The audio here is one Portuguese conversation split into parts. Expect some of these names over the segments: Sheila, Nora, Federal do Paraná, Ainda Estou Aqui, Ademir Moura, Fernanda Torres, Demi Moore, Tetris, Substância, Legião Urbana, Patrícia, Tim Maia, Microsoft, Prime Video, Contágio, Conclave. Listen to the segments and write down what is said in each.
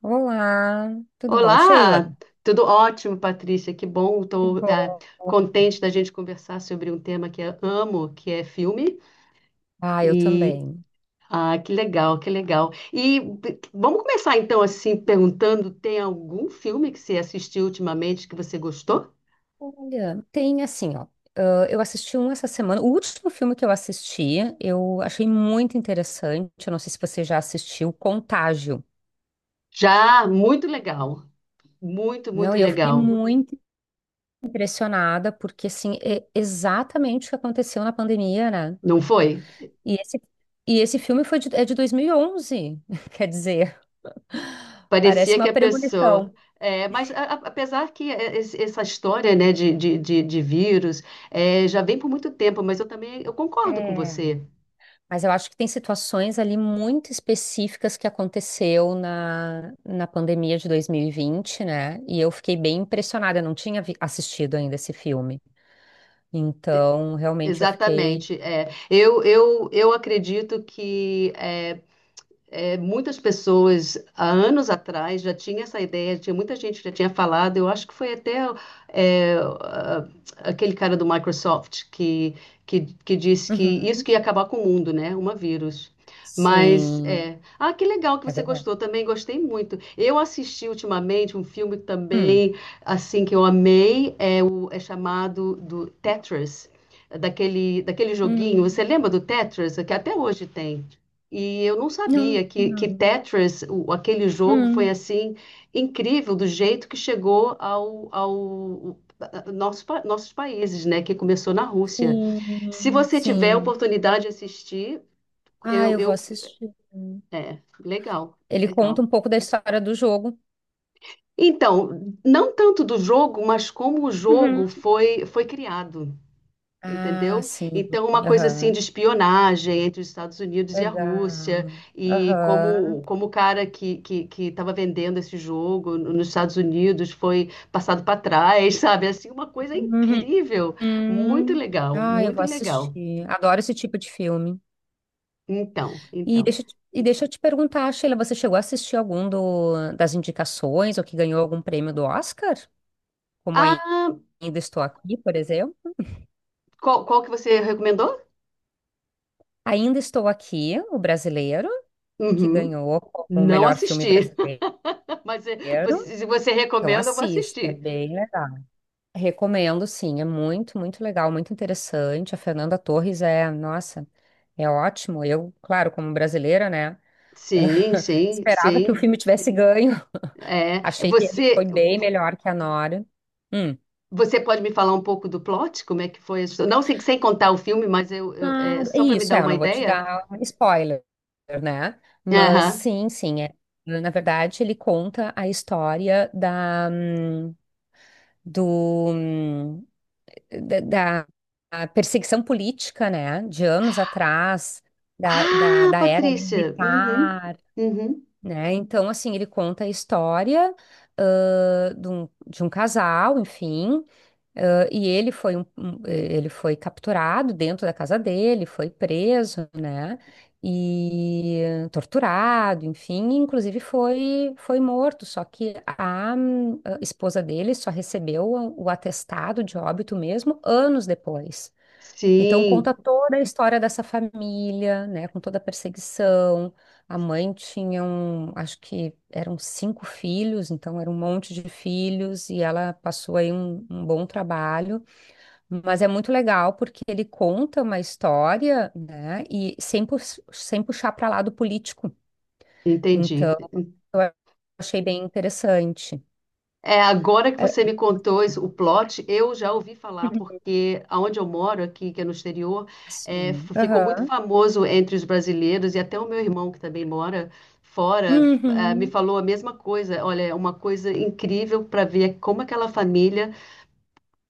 Olá, tudo bom, Sheila? Olá, tudo ótimo, Patrícia. Que bom, Que estou bom. contente da gente conversar sobre um tema que eu amo, que é filme. Ah, eu E também. Que legal, que legal. Vamos começar então assim perguntando: tem algum filme que você assistiu ultimamente que você gostou? Olha, tem assim, ó. Eu assisti um essa semana. O último filme que eu assisti, eu achei muito interessante. Eu não sei se você já assistiu, Contágio. Já, muito legal, muito, Não, muito e eu fiquei legal. muito impressionada, porque assim, é exatamente o que aconteceu na pandemia, né? Não foi? E esse, e esse filme foi de, é de 2011, quer dizer, parece Parecia que uma a pessoa. premonição. É, mas apesar que essa história, né, de vírus é, já vem por muito tempo, mas eu também eu concordo com É. você. Mas eu acho que tem situações ali muito específicas que aconteceu na pandemia de 2020, né? E eu fiquei bem impressionada, eu não tinha assistido ainda esse filme. Então, realmente eu fiquei. Exatamente. É. Eu acredito que é, é, muitas pessoas, há anos atrás, já tinha essa ideia, tinha muita gente que já tinha falado, eu acho que foi até é, a- aquele cara do Microsoft que disse que Uhum. isso que ia acabar com o mundo, né? Uma vírus. Mas, Sim, é... Ah, que legal que é você verdade. gostou, também gostei muito. Eu assisti ultimamente um filme Hum. também, assim, que eu amei, é chamado do Tetris, daquele joguinho, você Hum. lembra do Tetris? Que até hoje tem. E eu não Não, sabia que não. Tetris, aquele jogo, foi Hum. assim incrível do jeito que chegou ao nosso, nossos países, né? Que começou na Rússia. Se Sim, você tiver a sim. oportunidade de assistir, Ah, eu, eu vou eu assistir. é legal, Ele conta legal. um pouco da história do jogo. Então, não tanto do jogo, mas como o Uhum. jogo foi criado. Ah, Entendeu? sim. Então, uma coisa assim de Aham. espionagem entre os Estados Unidos e a Rússia, Legal. e Aham. como, como o cara que estava vendendo esse jogo nos Estados Unidos foi passado para trás, sabe? Assim, uma coisa Uhum. incrível, muito Hum. legal, Ah, eu muito vou legal. assistir. Adoro esse tipo de filme. Então, E então. deixa, e deixa eu te perguntar, Sheila, você chegou a assistir algum do, das indicações ou que ganhou algum prêmio do Oscar? Como Ah, Ainda Estou Aqui, por exemplo. qual que você recomendou? Ainda Estou Aqui, o brasileiro, que Uhum. ganhou como o Não melhor filme assisti, brasileiro. mas é, se você Então recomenda, eu vou assista, é assistir. bem legal. Recomendo, sim, é muito, muito legal, muito interessante. A Fernanda Torres é, nossa, é ótimo. Eu, claro, como brasileira, né? Sim, sim, Esperava que o sim. filme tivesse ganho. É, Achei que ele foi você bem melhor que a Nora. Hum. você pode me falar um pouco do plot? Como é que foi? A história? Não sei, sem contar o filme, mas é, Claro, é só para me isso, dar é, eu uma não vou te ideia. dar spoiler, né? Mas Aham. sim, sim, é. Na verdade, ele conta a história do, hum, da, da perseguição política, né? De anos atrás, da, da, Ah, da era ali Patrícia. Uhum, militar, uhum. né? Então, assim, ele conta a história, de um casal, enfim. Ah, e ele foi ele foi capturado dentro da casa dele, foi preso, né? E torturado, enfim, e inclusive foi morto. Só que a esposa dele só recebeu o atestado de óbito mesmo anos depois. Então conta Sim, toda a história dessa família, né, com toda a perseguição. A mãe tinha um, acho que eram cinco filhos, então era um monte de filhos e ela passou aí um bom trabalho. Mas é muito legal porque ele conta uma história, né, e sem, sem puxar para lado político. entendi. Então eu achei bem interessante. É agora que É, você me contou isso, o plot, eu já ouvi falar porque aonde eu moro aqui, que é no exterior, é, assim, ficou muito aham. famoso entre os brasileiros e até o meu irmão que também mora fora, me Uhum. falou a mesma coisa. Olha, é uma coisa incrível para ver como aquela família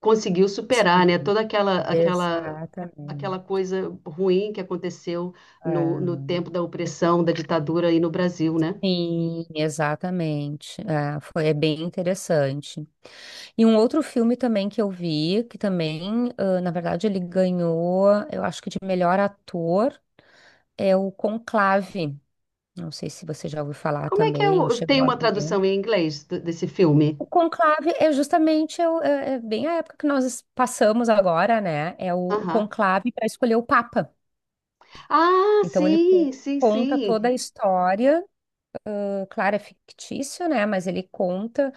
conseguiu Sim, superar, né, toda aquela exatamente. coisa ruim que aconteceu no É. tempo da opressão, da ditadura aí no Brasil, né? Sim, exatamente. É, foi, é bem interessante. E um outro filme também que eu vi, que também, ah, na verdade, ele ganhou, eu acho que de melhor ator, é o Conclave. Não sei se você já ouviu falar Como é que é também ou o, chegou tem a uma ver. tradução em inglês desse filme? O Conclave é justamente é, é bem a época que nós passamos agora, né? É o Aham. Conclave para escolher o Papa. Ah, Então ele sim, sim, conta toda a sim. história, ah, claro, é fictício, né? Mas ele conta.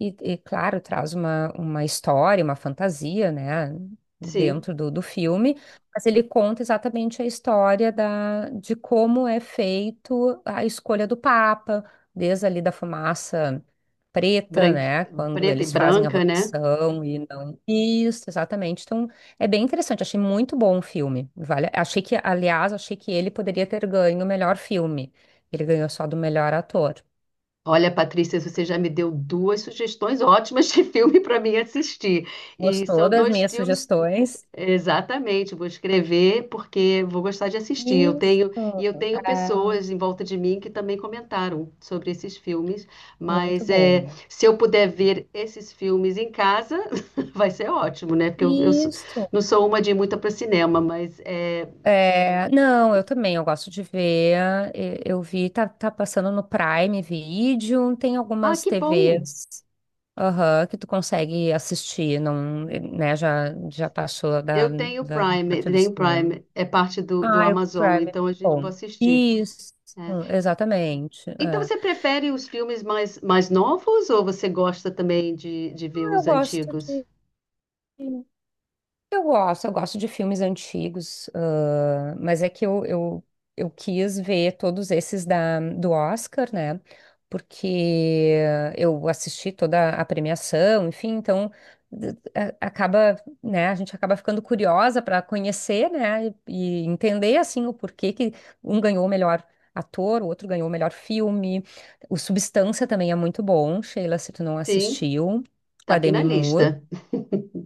E, claro, traz uma história, uma fantasia, né, Sim, dentro do filme, mas ele conta exatamente a história da, de como é feito a escolha do Papa, desde ali da fumaça preta, branqui, né, quando preta e eles fazem a branca, né? votação e não. Isso, exatamente. Então, é bem interessante, achei muito bom o filme. Vale, achei que, aliás, achei que ele poderia ter ganho o melhor filme. Ele ganhou só do melhor ator. Olha, Patrícia, você já me deu duas sugestões ótimas de filme para mim assistir. E Gostou são das dois minhas filmes. sugestões? Exatamente, vou escrever porque vou gostar de assistir. Eu Isso. tenho, e eu tenho Ah, pessoas em volta de mim que também comentaram sobre esses filmes, muito mas é, bom. se eu puder ver esses filmes em casa, vai ser ótimo, né? Porque eu Isso. não sou uma de ir muito para cinema, mas é... É, não, eu também, eu gosto de ver. Eu vi, tá, tá passando no Prime Video, tem Ah, algumas que bom! TVs, aham, que tu consegue assistir, não, né, já, já passou da, Eu da, da parte do tenho cinema. Prime, é parte do Ah, o Prime Amazon, é muito então a gente vai bom. assistir. Isso, Né? exatamente. Então É. você prefere os filmes mais, mais novos ou você gosta também de ver Ah, eu os gosto antigos? de. Eu gosto de filmes antigos, mas é que eu quis ver todos esses da, do Oscar, né? Porque eu assisti toda a premiação, enfim, então acaba, né? A gente acaba ficando curiosa para conhecer, né? E entender assim o porquê que um ganhou o melhor ator, o outro ganhou o melhor filme. O Substância também é muito bom, Sheila, se tu não Sim, assistiu, com tá a aqui na Demi lista. Moore.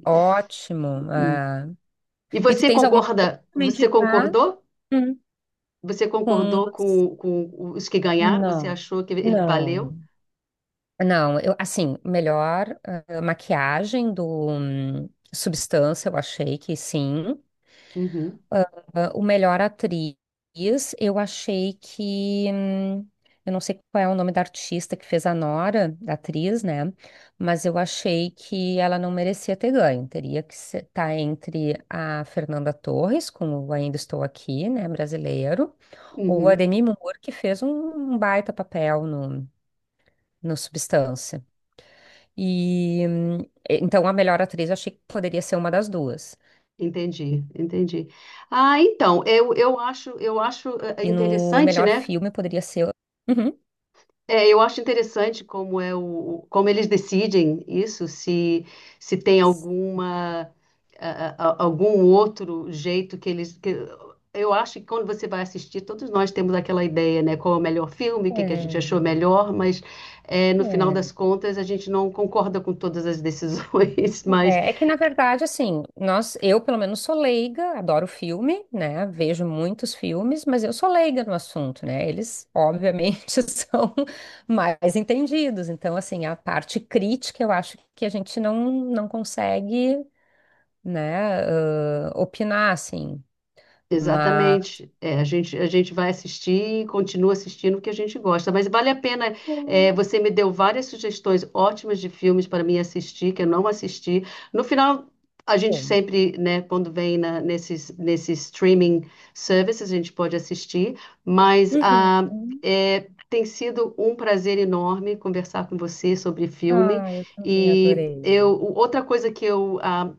Ótimo. Hum. Ah. E E tu você tens alguma coisa concorda? pra me Você indicar? concordou? Hum. Você Com concordou os- com os que ganharam? Você Não, achou que ele valeu? não. Não, eu, assim, melhor maquiagem do Substância, eu achei que sim. Uhum, Ah, o melhor atriz, eu achei que. Eu não sei qual é o nome da artista que fez a Nora, da atriz, né? Mas eu achei que ela não merecia ter ganho. Teria que estar entre a Fernanda Torres, com o Ainda Estou Aqui, né? Brasileiro. O uhum. Ademir Moura, que fez um, um baita papel no Substância. E então a melhor atriz eu achei que poderia ser uma das duas. Entendi, entendi. Ah, então, eu acho E no interessante, melhor né? filme poderia ser. Uhum. É, eu acho interessante como é o, como eles decidem isso, se tem alguma algum outro jeito que eles. Eu acho que quando você vai assistir, todos nós temos aquela ideia, né? Qual é o melhor filme, que a gente achou É, melhor, mas é, no final das contas a gente não concorda com todas as decisões, mas É que na verdade, assim, nós, eu pelo menos sou leiga, adoro filme, né? Vejo muitos filmes, mas eu sou leiga no assunto, né? Eles, obviamente, são mais entendidos. Então, assim, a parte crítica eu acho que a gente não, não consegue, né, opinar, assim. Mas, exatamente. É, a gente vai assistir e continua assistindo o que a gente gosta. Mas vale a pena. É, hum, você me deu várias sugestões ótimas de filmes para mim assistir, que eu não assisti. No final, a gente bom. sempre, né, quando vem na, nesses, nesses streaming services, a gente pode assistir. Mas Uhum. É, tem sido um prazer enorme conversar com você sobre filme. Ah, eu também E adorei. eu, outra coisa que eu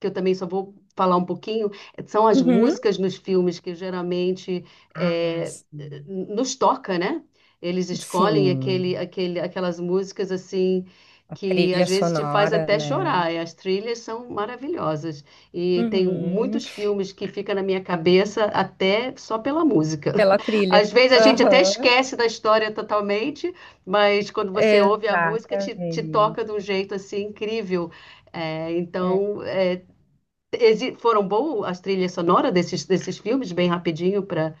que eu também só vou falar um pouquinho, eh, são as Uhum. músicas nos filmes que geralmente Ah, é, sim. nos toca, né? Eles escolhem Sim, aquelas músicas assim a que às trilha vezes te faz sonora, até chorar. né? E as trilhas são maravilhosas. E tem Uhum. muitos filmes que fica na minha cabeça até só pela música. Pela trilha. Às vezes a gente até Aham. esquece da história totalmente, mas quando você ouve a música, te Exatamente. toca de um jeito assim incrível. É, É. então, é, Foram boas as trilhas sonoras desses filmes, bem rapidinho para.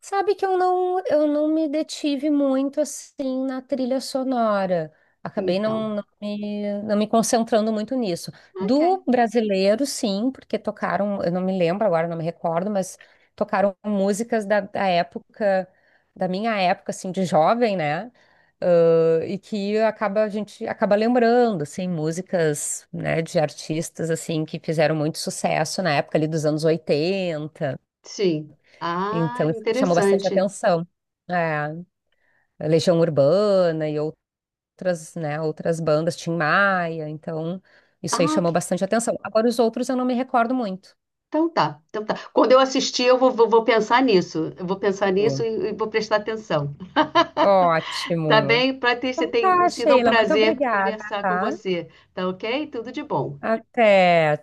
Sabe que eu não me detive muito assim na trilha sonora. Acabei Então, não, não me concentrando muito nisso. ok. Do brasileiro, sim, porque tocaram, eu não me lembro agora, não me recordo, mas tocaram músicas da época, da minha época, assim, de jovem, né? Ah, e que acaba, a gente acaba lembrando, assim, músicas, né, de artistas, assim, que fizeram muito sucesso na época ali dos anos 80. Sim. Ah, Então, isso chamou bastante interessante. atenção. É, Legião Urbana e outras, né, outras bandas, Tim Maia, então isso aí Ah, chamou que- bastante atenção. Agora os outros eu não me recordo muito. então tá. Então tá. Quando eu assistir, eu vou, vou, vou pensar nisso. Eu vou pensar nisso e vou prestar atenção. Tá Ótimo. bem? Patrícia, Então tem tá, sido um Sheila, muito prazer obrigada, conversar com tá? você. Tá ok? Tudo de bom. Até.